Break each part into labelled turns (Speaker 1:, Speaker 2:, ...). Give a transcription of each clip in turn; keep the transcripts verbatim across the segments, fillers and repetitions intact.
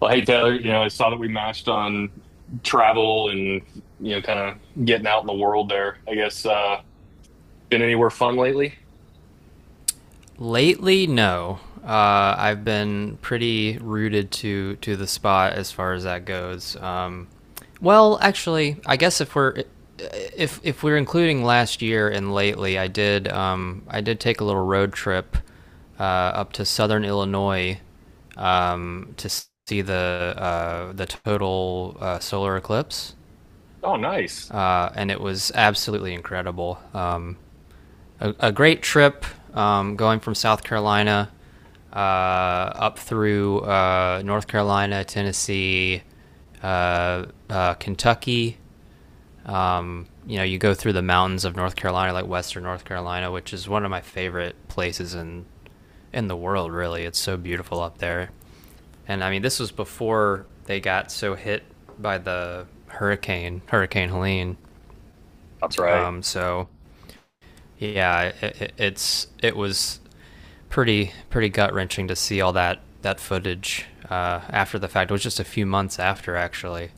Speaker 1: Well, hey Taylor, you know, I saw that we matched on travel and you know, kind of getting out in the world there. I guess uh been anywhere fun lately?
Speaker 2: Lately, no. Uh, I've been pretty rooted to to the spot as far as that goes. Um, well, actually, I guess if we're if if we're including last year and lately, I did um, I did take a little road trip uh, up to Southern Illinois um, to see the uh, the total uh, solar eclipse,
Speaker 1: Oh, nice.
Speaker 2: uh, and it was absolutely incredible. Um, a, a great trip um, going from South Carolina uh, up through uh, North Carolina, Tennessee, uh, uh, Kentucky. Um, you know, you go through the mountains of North Carolina, like Western North Carolina, which is one of my favorite places in in the world. Really, it's so beautiful up there. And I mean, this was before they got so hit by the hurricane, Hurricane Helene.
Speaker 1: That's right.
Speaker 2: Um, so yeah, it, it, it's it was pretty pretty gut wrenching to see all that that footage uh, after the fact. It was just a few months after actually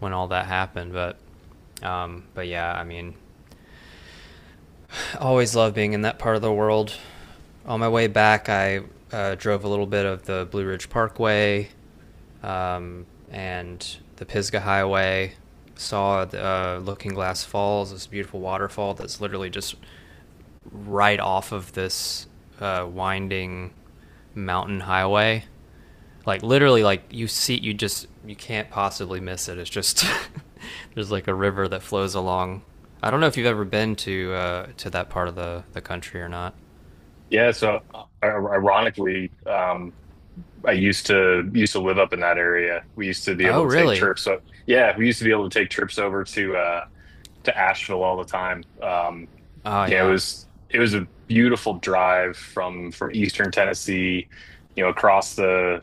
Speaker 2: when all that happened, but um, but yeah, I mean, always love being in that part of the world. On my way back, I uh, drove a little bit of the Blue Ridge Parkway um, and the Pisgah Highway. Saw the, uh, Looking Glass Falls, this beautiful waterfall that's literally just right off of this uh, winding mountain highway. Like literally, like you see, you just you can't possibly miss it. It's just there's like a river that flows along. I don't know if you've ever been to uh, to that part of the the country or not.
Speaker 1: Yeah, so uh, ironically, um I used to used to live up in that area. We used to be
Speaker 2: Oh,
Speaker 1: able to take
Speaker 2: really?
Speaker 1: trips. So yeah, we used to be able to take trips over to uh to Asheville all the time. Um,
Speaker 2: Oh,
Speaker 1: you know, it
Speaker 2: yeah,
Speaker 1: was it was a beautiful drive from from Eastern Tennessee, you know, across the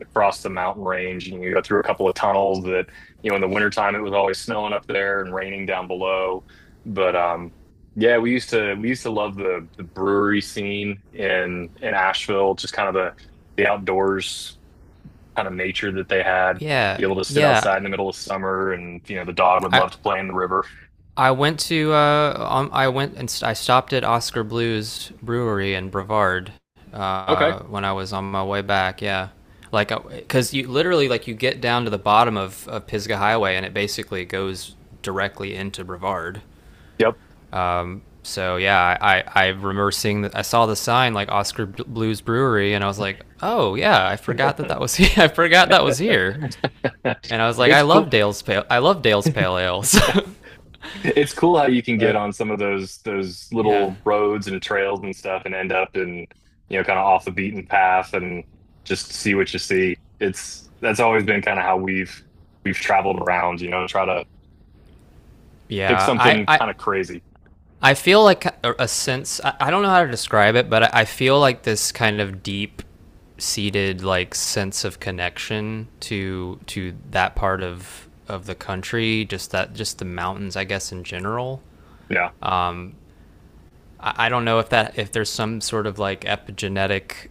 Speaker 1: across the mountain range, and you go through a couple of tunnels that, you know, in the wintertime it was always snowing up there and raining down below. But um, yeah, we used to we used to love the the brewery scene in in Asheville, just kind of the the outdoors, kind of nature that they had,
Speaker 2: yeah,
Speaker 1: be able to sit
Speaker 2: yeah.
Speaker 1: outside in the middle of summer, and you know, the dog would
Speaker 2: I
Speaker 1: love to play in the river.
Speaker 2: I went to uh, um, I went and st- I stopped at Oscar Blues Brewery in Brevard
Speaker 1: Okay.
Speaker 2: uh, when I was on my way back. Yeah, like because you literally like you get down to the bottom of, of Pisgah Highway and it basically goes directly into Brevard.
Speaker 1: Yep.
Speaker 2: Um, so yeah, I, I, I remember seeing that I saw the sign like Oscar Blues Brewery and I was like, oh yeah, I forgot that that was here. I forgot that was here. And I was like, I
Speaker 1: It's cool.
Speaker 2: love Dale's pale I love Dale's pale ales.
Speaker 1: It's cool how you can get on some of those those
Speaker 2: Yeah.
Speaker 1: little roads and trails and stuff and end up in, you know, kind of off the beaten path and just see what you see. It's that's always been kind of how we've we've traveled around, you know, try to pick
Speaker 2: Yeah, I,
Speaker 1: something
Speaker 2: I,
Speaker 1: kind of crazy.
Speaker 2: I feel like a, a sense. I, I don't know how to describe it, but I, I feel like this kind of deep seated like sense of connection to to that part of of the country. Just that, just the mountains, I guess, in general.
Speaker 1: Yeah.
Speaker 2: I don't know if that if there's some sort of like epigenetic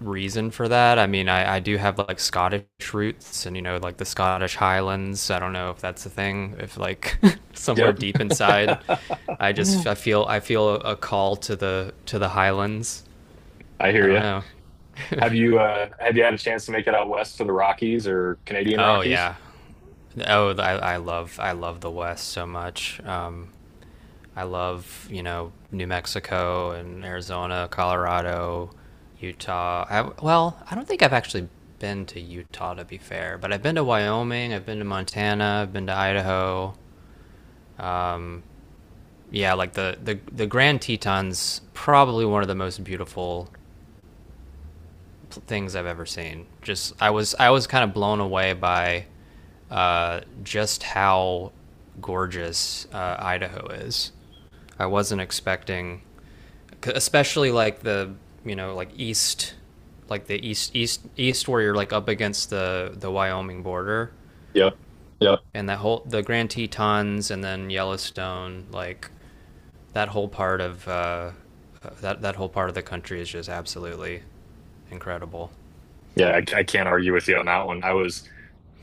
Speaker 2: reason for that. I mean, I, I do have like Scottish roots, and you know, like the Scottish Highlands. I don't know if that's a thing. If like somewhere
Speaker 1: Yep.
Speaker 2: deep inside, I just I feel I feel a call to the to the Highlands.
Speaker 1: I
Speaker 2: I
Speaker 1: hear
Speaker 2: don't
Speaker 1: you.
Speaker 2: know.
Speaker 1: Have you uh have you had a chance to make it out west to the Rockies or Canadian
Speaker 2: Oh
Speaker 1: Rockies?
Speaker 2: yeah. Oh, I, I love I love the West so much. Um, I love, you know, New Mexico and Arizona, Colorado, Utah. I, well, I don't think I've actually been to Utah to be fair, but I've been to Wyoming, I've been to Montana, I've been to Idaho. Yeah, like the the the Grand Tetons probably one of the most beautiful things I've ever seen. Just I was I was kind of blown away by uh, just how gorgeous uh, Idaho is. I wasn't expecting, especially like the you know like east, like the east east east where you're like up against the the Wyoming border
Speaker 1: Yep. Yep.
Speaker 2: and that whole the Grand Tetons and then Yellowstone like that whole part of uh, uh, that that whole part of the country is just absolutely incredible.
Speaker 1: Yeah, I, I can't argue with you on that one. I was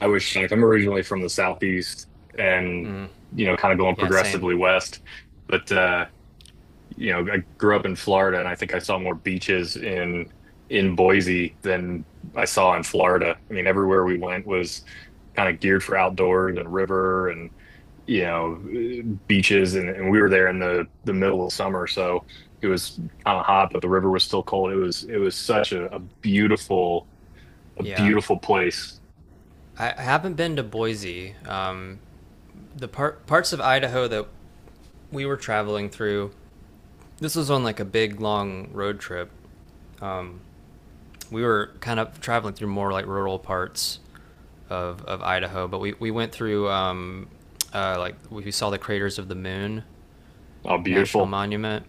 Speaker 1: I was like, I'm originally from the southeast, and
Speaker 2: Mm,
Speaker 1: you know, kind of going
Speaker 2: yeah, same.
Speaker 1: progressively west, but uh you know, I grew up in Florida, and I think I saw more beaches in in Boise than I saw in Florida. I mean, everywhere we went was kind of geared for outdoors and river and you know, beaches, and, and we were there in the the middle of summer, so it was kind of hot, but the river was still cold. It was it was such a, a beautiful, a
Speaker 2: Yeah,
Speaker 1: beautiful place.
Speaker 2: I, I haven't been to Boise. Um, the part parts of Idaho that we were traveling through. This was on like a big long road trip. Um, we were kind of traveling through more like rural parts of, of Idaho, but we, we went through um, uh, like we saw the craters of the moon
Speaker 1: Oh,
Speaker 2: national
Speaker 1: beautiful.
Speaker 2: monument.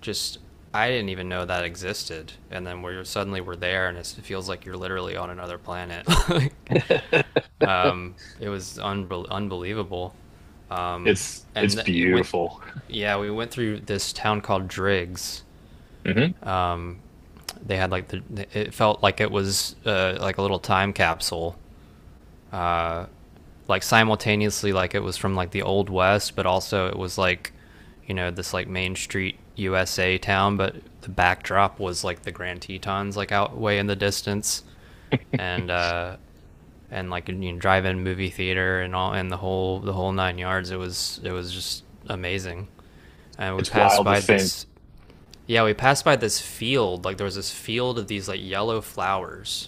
Speaker 2: Just I didn't even know that existed, and then we're suddenly we're there, and it's, it feels like you're literally on another planet. Like, um, it was unbel unbelievable. Um,
Speaker 1: It's
Speaker 2: and
Speaker 1: it's
Speaker 2: th- it went,
Speaker 1: beautiful.
Speaker 2: yeah, we went through this town called Driggs.
Speaker 1: Hmm.
Speaker 2: They had like the it felt like it was uh, like a little time capsule, uh, like simultaneously like it was from like the old west, but also it was like, you know, this like main street usa town, but the backdrop was like the Grand Tetons like out way in the distance, and uh and like, you know, drive-in movie theater and all, and the whole the whole nine yards. It was it was just amazing. And we
Speaker 1: It's
Speaker 2: passed
Speaker 1: wild to
Speaker 2: by
Speaker 1: think.
Speaker 2: this, yeah, we passed by this field like there was this field of these like yellow flowers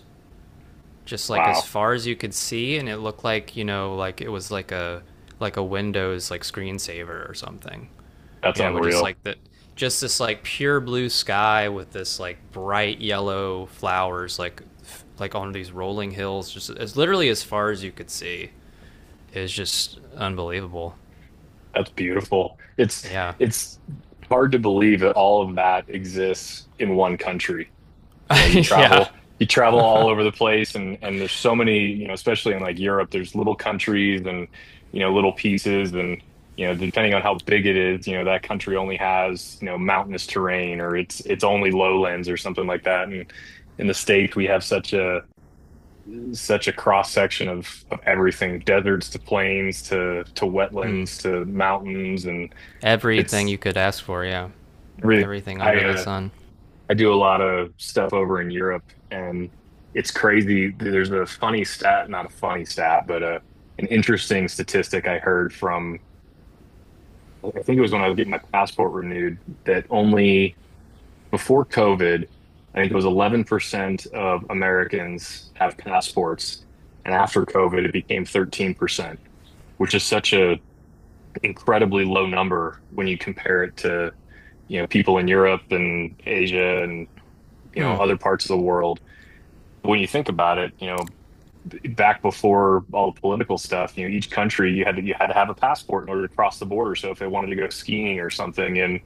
Speaker 2: just like as
Speaker 1: Wow,
Speaker 2: far as you could see, and it looked like, you know, like it was like a like a Windows like screensaver or something.
Speaker 1: that's
Speaker 2: You know, with just
Speaker 1: unreal.
Speaker 2: like the just this like pure blue sky with this like bright yellow flowers like like on these rolling hills just as literally as far as you could see. It was just unbelievable.
Speaker 1: That's beautiful. It's
Speaker 2: Yeah.
Speaker 1: it's hard to believe that all of that exists in one country. You know, you
Speaker 2: Yeah.
Speaker 1: travel you travel all over the place, and and there's so many, you know, especially in like Europe, there's little countries, and you know, little pieces, and you know, depending on how big it is, you know, that country only has, you know, mountainous terrain, or it's it's only lowlands or something like that. And in the States, we have such a such a cross section of of everything: deserts to plains to to
Speaker 2: Hmm.
Speaker 1: wetlands to mountains. And
Speaker 2: Everything
Speaker 1: it's
Speaker 2: you could ask for, yeah.
Speaker 1: really
Speaker 2: Everything
Speaker 1: I
Speaker 2: under the
Speaker 1: uh
Speaker 2: sun.
Speaker 1: I do a lot of stuff over in Europe, and it's crazy. There's a funny stat, not a funny stat, but uh an interesting statistic I heard from, I think it was when I was getting my passport renewed, that only before COVID, I think it was eleven percent of Americans have passports. And after COVID, it became thirteen percent, which is such a incredibly low number when you compare it to, you know, people in Europe and Asia and, you know,
Speaker 2: Hmm.
Speaker 1: other parts of the world. When you think about it, you know, back before all the political stuff, you know, each country you had to you had to have a passport in order to cross the border. So if they wanted to go skiing or something in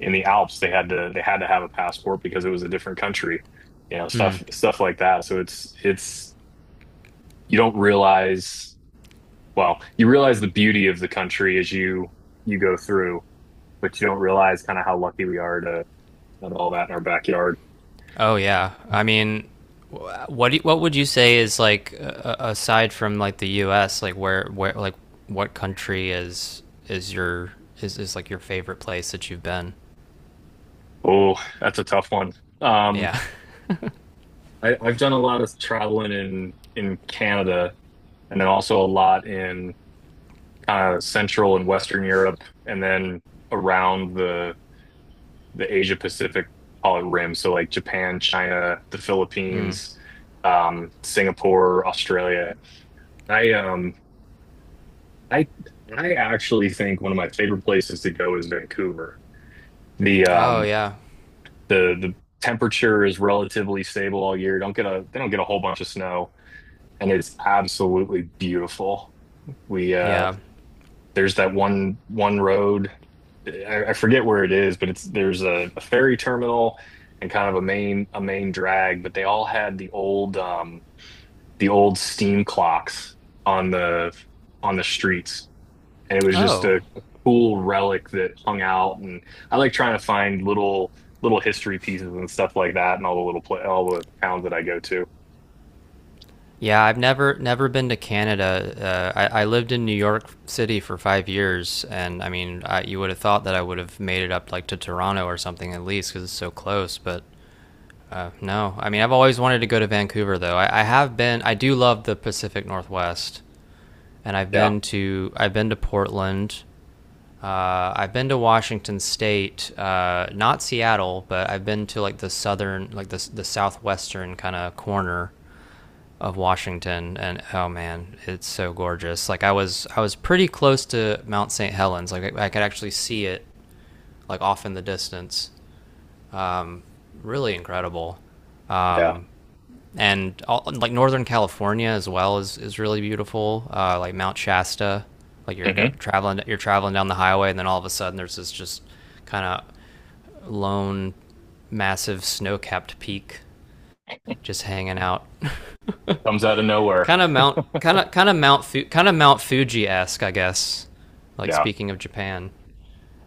Speaker 1: in the Alps, they had to they had to have a passport because it was a different country. You know,
Speaker 2: Hmm.
Speaker 1: stuff stuff like that. So it's it's you don't realize, well, you realize the beauty of the country as you you go through, but you don't realize kind of how lucky we are to have all that in our backyard.
Speaker 2: Oh yeah. I mean, wh- what do you, what would you say is like uh, aside from like the U S, like where where like what country is is your is is like your favorite place that you've been?
Speaker 1: Oh, that's a tough one. Um,
Speaker 2: Yeah.
Speaker 1: I, I've done a lot of traveling in in Canada, and then also a lot in kind of Central and Western Europe, and then around the the Asia Pacific, call it, rim. So like Japan, China, the
Speaker 2: Mm.
Speaker 1: Philippines, um, Singapore, Australia. I um, I I actually think one of my favorite places to go is Vancouver. The
Speaker 2: Oh
Speaker 1: um,
Speaker 2: yeah.
Speaker 1: the the temperature is relatively stable all year. Don't get a they don't get a whole bunch of snow, and it's absolutely beautiful. We uh,
Speaker 2: Yeah.
Speaker 1: there's that one one road. I, I forget where it is, but it's there's a, a ferry terminal and kind of a main, a main drag, but they all had the old um, the old steam clocks on the on the streets. And it was just
Speaker 2: Oh.
Speaker 1: a, a cool relic that hung out. And I like trying to find little, little history pieces and stuff like that, and all the little pla all the towns that I go to.
Speaker 2: Yeah, I've never never been to Canada. Uh, I, I lived in New York City for five years, and I mean, I, you would have thought that I would have made it up like to Toronto or something at least because it's so close. But uh, no, I mean I've always wanted to go to Vancouver though. I, I have been. I do love the Pacific Northwest, and I've
Speaker 1: Yeah,
Speaker 2: been to I've been to Portland. Uh, I've been to Washington State, uh, not Seattle, but I've been to like the southern, like the the southwestern kind of corner of Washington, and oh man, it's so gorgeous. Like I was I was pretty close to Mount Saint Helens. Like I, I could actually see it like off in the distance. Um, really incredible.
Speaker 1: yeah.
Speaker 2: Um, and all, like Northern California as well is is really beautiful. Uh, like Mount Shasta, like you're go,
Speaker 1: Hmm.
Speaker 2: traveling you're traveling down the highway, and then all of a sudden there's this just kind of lone, massive snow-capped peak just hanging out.
Speaker 1: Comes out of nowhere.
Speaker 2: kind of Mount kind of kind of Mount Fu- kind of Mount Fuji-esque, I guess. Like
Speaker 1: Yeah,
Speaker 2: speaking of Japan,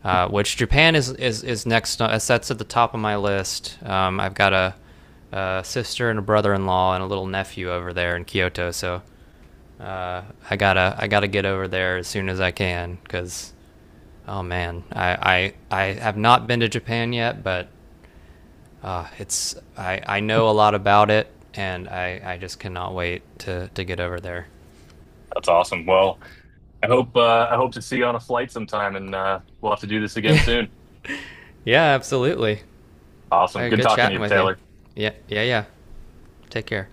Speaker 2: uh, which Japan is is is next. That's at the top of my list. Um, I've got a, a sister and a brother-in-law and a little nephew over there in Kyoto. So uh, I gotta I gotta get over there as soon as I can because oh man, I, I I have not been to Japan yet, but uh, it's I, I know a lot about it, and I, I just cannot wait to, to get over there.
Speaker 1: that's awesome. Well, I hope uh, I hope to see you on a flight sometime, and uh, we'll have to do this again
Speaker 2: Yeah,
Speaker 1: soon.
Speaker 2: yeah, absolutely. All
Speaker 1: Awesome.
Speaker 2: right,
Speaker 1: Good
Speaker 2: good
Speaker 1: talking to
Speaker 2: chatting
Speaker 1: you,
Speaker 2: with you.
Speaker 1: Taylor.
Speaker 2: Yeah, yeah, yeah. Take care.